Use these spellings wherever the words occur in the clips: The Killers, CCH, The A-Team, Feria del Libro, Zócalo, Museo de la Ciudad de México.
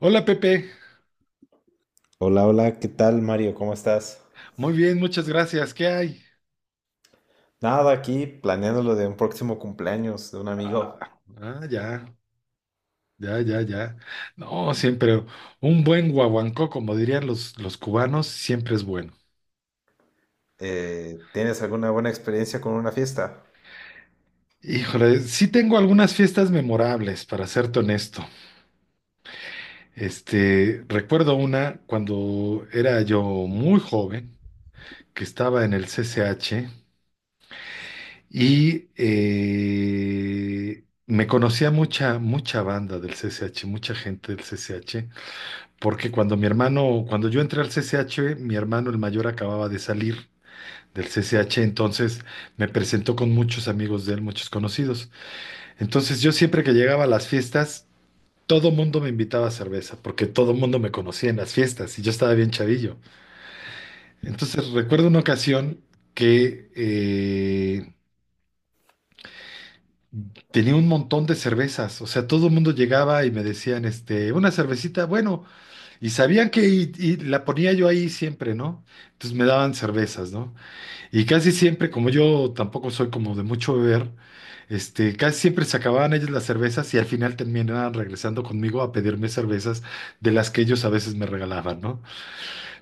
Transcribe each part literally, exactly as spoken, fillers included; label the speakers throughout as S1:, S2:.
S1: Hola Pepe,
S2: Hola, hola, ¿qué tal, Mario? ¿Cómo estás?
S1: muy bien, muchas gracias. ¿Qué hay?
S2: Nada, aquí planeando lo de un próximo cumpleaños de un amigo.
S1: Ah, ya, ya, ya, ya. No, siempre un buen guaguancó, como dirían los, los cubanos, siempre es bueno.
S2: Eh, ¿tienes alguna buena experiencia con una fiesta?
S1: Híjole, sí tengo algunas fiestas memorables, para serte honesto. Este, recuerdo una cuando era yo muy joven, que estaba en el C C H y eh, me conocía mucha, mucha banda del C C H, mucha gente del C C H. Porque cuando mi hermano, cuando yo entré al C C H, mi hermano el mayor acababa de salir del C C H, entonces me presentó con muchos amigos de él, muchos conocidos. Entonces yo siempre que llegaba a las fiestas, todo mundo me invitaba a cerveza, porque todo mundo me conocía en las fiestas y yo estaba bien chavillo. Entonces recuerdo una ocasión que eh, tenía un montón de cervezas, o sea, todo el mundo llegaba y me decían, este, una cervecita, bueno. Y sabían que y, y la ponía yo ahí siempre, ¿no? Entonces me daban cervezas, ¿no? Y casi siempre, como yo tampoco soy como de mucho beber, este, casi siempre se acababan ellos las cervezas y al final terminaban regresando conmigo a pedirme cervezas de las que ellos a veces me regalaban, ¿no?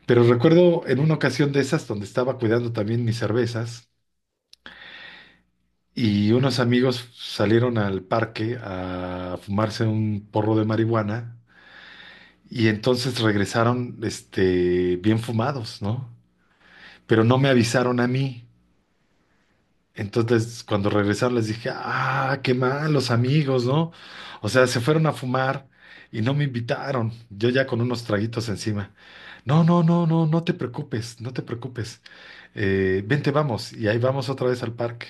S1: Pero recuerdo en una ocasión de esas donde estaba cuidando también mis cervezas y unos amigos salieron al parque a fumarse un porro de marihuana y entonces regresaron, este, bien fumados, ¿no? Pero no me avisaron a mí. Entonces, cuando regresaron, les dije, ah, qué mal, los amigos, ¿no? O sea, se fueron a fumar y no me invitaron. Yo ya con unos traguitos encima. No, no, no, no, no te preocupes, no te preocupes. Eh, vente, vamos. Y ahí vamos otra vez al parque.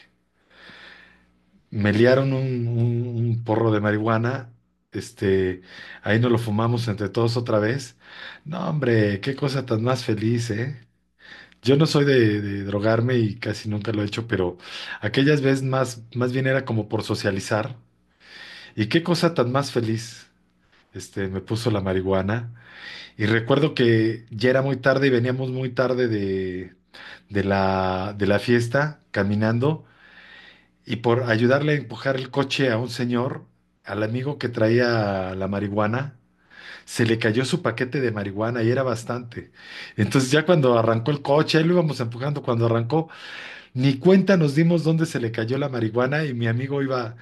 S1: Me liaron un, un- un porro de marihuana. Este, ahí nos lo fumamos entre todos otra vez. No, hombre, qué cosa tan más feliz, ¿eh? Yo no soy de, de drogarme y casi nunca lo he hecho, pero aquellas veces más, más bien era como por socializar. Y qué cosa tan más feliz. Este, me puso la marihuana. Y recuerdo que ya era muy tarde y veníamos muy tarde de, de la, de la fiesta caminando y por ayudarle a empujar el coche a un señor, al amigo que traía la marihuana, se le cayó su paquete de marihuana y era bastante. Entonces ya cuando arrancó el coche, ahí lo íbamos empujando, cuando arrancó, ni cuenta nos dimos dónde se le cayó la marihuana y mi amigo iba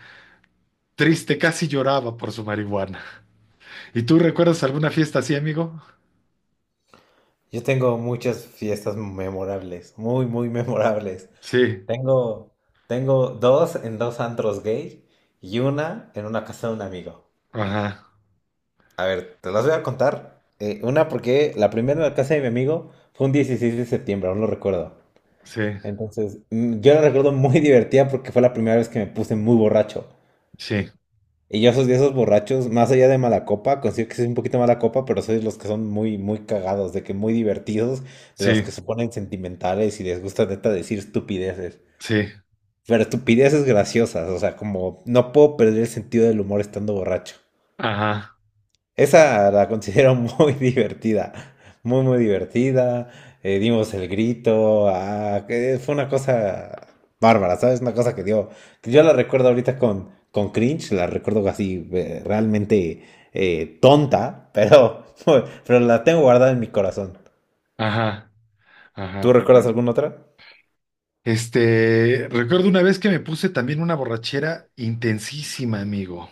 S1: triste, casi lloraba por su marihuana. ¿Y tú recuerdas alguna fiesta así, amigo?
S2: Yo tengo muchas fiestas memorables, muy, muy memorables.
S1: Sí,
S2: Tengo, tengo dos en dos antros gay y una en una casa de un amigo.
S1: ajá,
S2: A ver, te las voy a contar. Eh, una porque la primera en la casa de mi amigo fue un dieciséis de septiembre, aún lo recuerdo.
S1: sí,
S2: Entonces, mm, yo la recuerdo muy divertida porque fue la primera vez que me puse muy borracho.
S1: sí,
S2: Y yo soy de esos borrachos, más allá de mala copa, considero que soy un poquito mala copa, pero soy de los que son muy, muy cagados, de que muy divertidos, de
S1: sí,
S2: los que se ponen sentimentales y les gusta neta decir estupideces.
S1: sí,
S2: Pero estupideces graciosas, o sea, como no puedo perder el sentido del humor estando borracho.
S1: ajá,
S2: Esa la considero muy divertida, muy, muy divertida. Eh, dimos el grito, ah, que fue una cosa bárbara, ¿sabes? Una cosa que dio, que yo la recuerdo ahorita con, con cringe, la recuerdo así eh, realmente eh, tonta, pero, pero la tengo guardada en mi corazón.
S1: ajá,
S2: ¿Tú
S1: ajá.
S2: recuerdas alguna otra?
S1: Este, recuerdo una vez que me puse también una borrachera intensísima, amigo.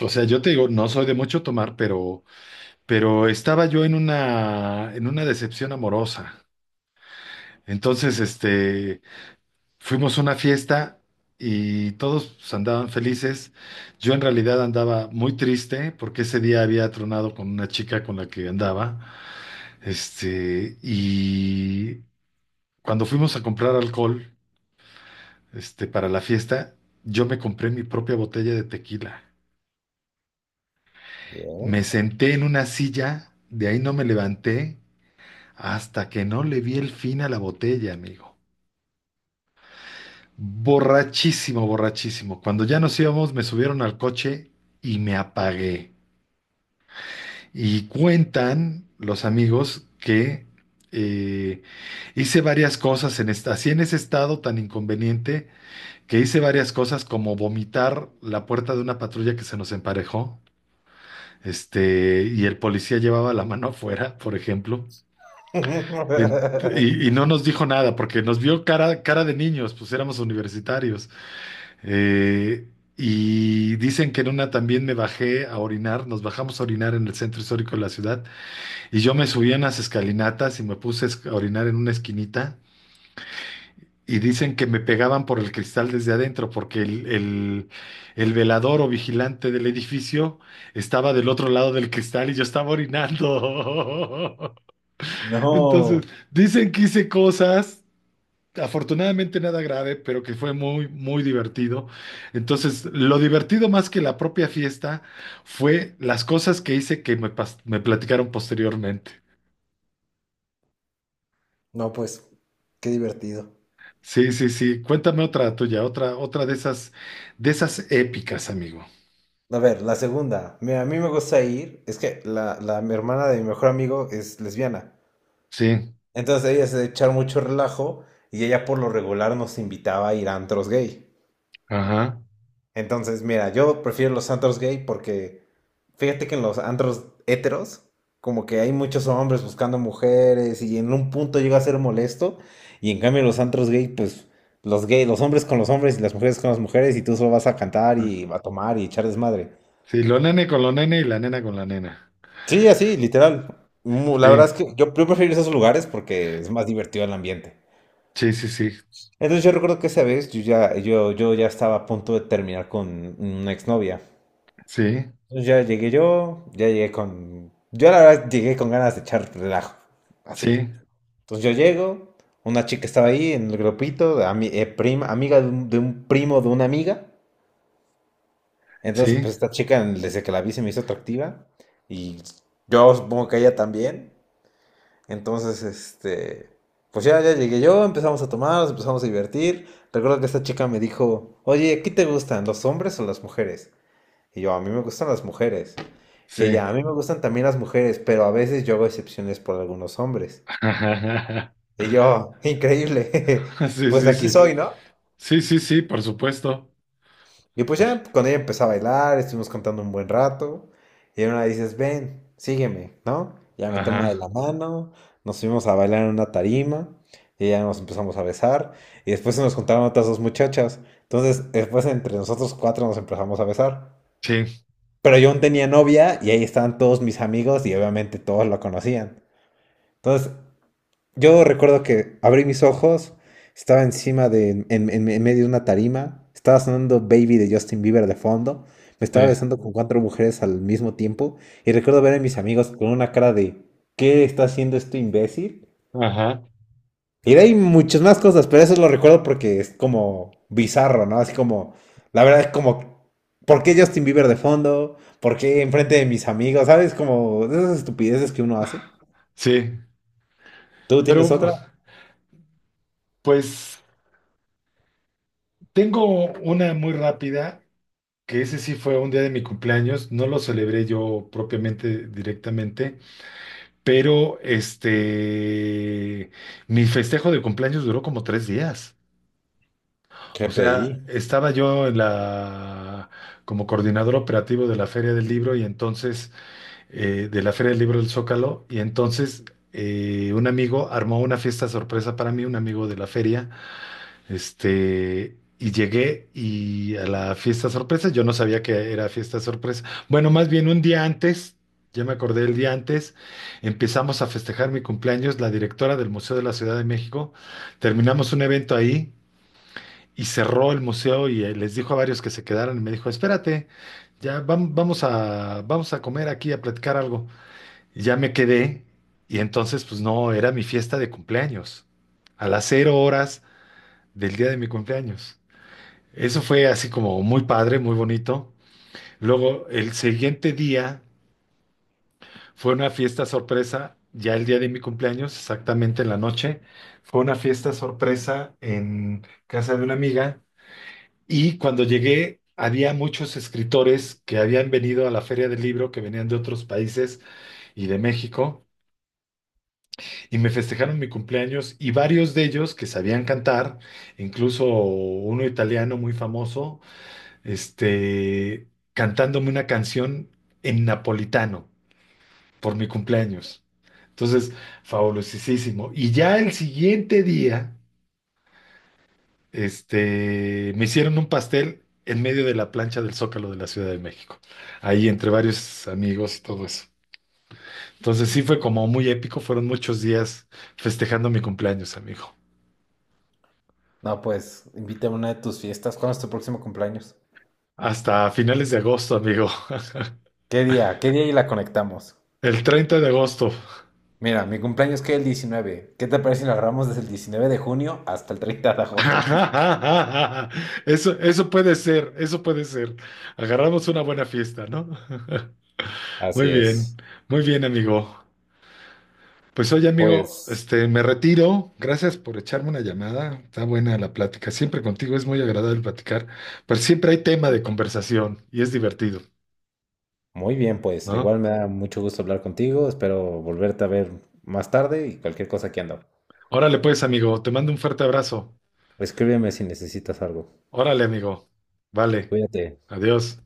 S1: O sea, yo te digo, no soy de mucho tomar, pero, pero, estaba yo en una, en una decepción amorosa. Entonces, este, fuimos a una fiesta y todos pues, andaban felices. Yo en realidad andaba muy triste porque ese día había tronado con una chica con la que andaba. Este, y cuando fuimos a comprar alcohol, este, para la fiesta, yo me compré mi propia botella de tequila. Me
S2: Bien.
S1: senté en una silla, de ahí no me levanté hasta que no le vi el fin a la botella, amigo. Borrachísimo, borrachísimo. Cuando ya nos íbamos, me subieron al coche y me apagué. Y cuentan los amigos que eh, hice varias cosas en esta, así en ese estado tan inconveniente, que hice varias cosas como vomitar la puerta de una patrulla que se nos emparejó, este, y el policía llevaba la mano afuera, por ejemplo. En- y, y no nos dijo nada porque nos vio cara, cara de niños, pues éramos universitarios. Eh, y dicen que en una también me bajé a orinar, nos bajamos a orinar en el centro histórico de la ciudad y yo me subí a las escalinatas y me puse a esc- a orinar en una esquinita y dicen que me pegaban por el cristal desde adentro porque el, el, el velador o vigilante del edificio estaba del otro lado del cristal y yo estaba orinando. Entonces,
S2: No.
S1: dicen que hice cosas afortunadamente nada grave, pero que fue muy, muy divertido. Entonces, lo divertido más que la propia fiesta fue las cosas que hice que me, pas- me platicaron posteriormente.
S2: No, pues, qué divertido.
S1: Sí, sí, sí. Cuéntame otra tuya, otra, otra de esas, de esas épicas, amigo.
S2: A ver, la segunda. Mira, a mí me gusta ir. Es que la, la mi hermana de mi mejor amigo es lesbiana.
S1: Sí,
S2: Entonces ella se de echar mucho relajo y ella por lo regular nos invitaba a ir a antros gay.
S1: ajá.
S2: Entonces, mira, yo prefiero los antros gay porque fíjate que en los antros heteros, como que hay muchos hombres buscando mujeres y en un punto llega a ser molesto. Y en cambio, en los antros gay, pues los gay, los hombres con los hombres y las mujeres con las mujeres y tú solo vas a cantar y a tomar y echar desmadre.
S1: Sí, lo nene con lo nene y la nena con la nena.
S2: Sí, así, literal. Mu- La verdad es
S1: Sí,
S2: que yo, yo prefiero esos lugares porque es más divertido el ambiente.
S1: sí, sí, sí,
S2: Entonces yo recuerdo que esa vez yo ya, yo, yo ya estaba a punto de terminar con una exnovia.
S1: sí,
S2: Entonces ya llegué yo, ya llegué con... Yo la verdad llegué con ganas de echar relajo, así.
S1: sí,
S2: Entonces yo llego, una chica estaba ahí en el grupito, ami- eh, prima, amiga de un, de un primo de una amiga. Entonces
S1: sí,
S2: pues esta chica desde que la vi se me hizo atractiva y yo supongo que ella también. Entonces, este, pues ya, ya llegué yo, empezamos a tomar, nos empezamos a divertir. Recuerdo que esta chica me dijo, oye, ¿qué te gustan, los hombres o las mujeres? Y yo, a mí me gustan las mujeres. Y
S1: sí.
S2: ella, a mí me gustan también las mujeres, pero a veces yo hago excepciones por algunos hombres. Y yo, increíble,
S1: Sí,
S2: pues de
S1: sí,
S2: aquí
S1: sí.
S2: soy, ¿no?
S1: Sí, sí, sí, por supuesto.
S2: Y pues ya con ella empecé a bailar, estuvimos cantando un buen rato. Y una dices, ven, sígueme, ¿no? Ya me toma de la
S1: Ajá,
S2: mano, nos fuimos a bailar en una tarima y ya nos empezamos a besar. Y después se nos juntaron otras dos muchachas. Entonces, después entre nosotros cuatro nos empezamos a besar.
S1: sí,
S2: Pero yo aún tenía novia y ahí estaban todos mis amigos y obviamente todos lo conocían. Entonces, yo recuerdo que abrí mis ojos, estaba encima de, en, en- en medio de una tarima, estaba sonando Baby de Justin Bieber de fondo, me
S1: sí,
S2: estaba besando con cuatro mujeres al mismo tiempo y recuerdo ver a mis amigos con una cara de ¿qué está haciendo este imbécil?
S1: ajá,
S2: Y de ahí muchas más cosas, pero eso lo recuerdo porque es como bizarro, ¿no? Así como, la verdad es como, ¿por qué Justin Bieber de fondo? ¿Por qué enfrente de mis amigos? ¿Sabes? Como de esas estupideces que uno hace.
S1: sí.
S2: ¿Tú
S1: Pero
S2: tienes otra?
S1: pues tengo una muy rápida, que ese sí fue un día de mi cumpleaños, no lo celebré yo propiamente directamente, pero este, mi festejo de cumpleaños duró como tres días. O sea,
S2: G P I.
S1: estaba yo en la, como coordinador operativo de la Feria del Libro y entonces eh, de la Feria del Libro del Zócalo y entonces eh, un amigo armó una fiesta sorpresa para mí, un amigo de la feria, este, y llegué y a la fiesta sorpresa, yo no sabía que era fiesta sorpresa, bueno, más bien un día antes. Ya me acordé el día antes, empezamos a festejar mi cumpleaños, la directora del Museo de la Ciudad de México, terminamos un evento ahí y cerró el museo y eh, les dijo a varios que se quedaran y me dijo, espérate, ya vam- vamos a, vamos a comer aquí, a platicar algo. Ya me quedé y entonces pues no, era mi fiesta de cumpleaños, a las cero horas del día de mi cumpleaños. Eso fue así como muy padre, muy bonito. Luego el siguiente día fue una fiesta sorpresa, ya el día de mi cumpleaños, exactamente en la noche, fue una fiesta sorpresa en casa de una amiga y cuando llegué había muchos escritores que habían venido a la Feria del Libro, que venían de otros países y de México. Y me festejaron mi cumpleaños y varios de ellos que sabían cantar, incluso uno italiano muy famoso, este, cantándome una canción en napolitano por mi cumpleaños. Entonces, fabulosísimo. Y ya el siguiente día, este, me hicieron un pastel en medio de la plancha del Zócalo de la Ciudad de México, ahí entre varios amigos y todo eso. Entonces sí fue como muy épico, fueron muchos días festejando mi cumpleaños, amigo.
S2: No, pues invítame a una de tus fiestas. ¿Cuándo es tu próximo cumpleaños?
S1: Hasta finales de agosto, amigo.
S2: ¿Qué día? ¿Qué día y la conectamos?
S1: El treinta de agosto.
S2: Mira, mi cumpleaños que el diecinueve. ¿Qué te parece si lo agarramos desde el diecinueve de junio hasta el treinta de agosto?
S1: Eso, eso puede ser, eso puede ser. Agarramos una buena fiesta, ¿no? Muy
S2: Así
S1: bien,
S2: es.
S1: muy bien, amigo. Pues oye, amigo,
S2: Pues
S1: este, me retiro. Gracias por echarme una llamada. Está buena la plática. Siempre contigo es muy agradable platicar, pero siempre hay tema de conversación y es divertido,
S2: muy bien, pues.
S1: ¿no?
S2: Igual me da mucho gusto hablar contigo. Espero volverte a ver más tarde y cualquier cosa que ando.
S1: Órale, pues, amigo, te mando un fuerte abrazo.
S2: Escríbeme si necesitas algo.
S1: Órale, amigo. Vale.
S2: Cuídate.
S1: Adiós.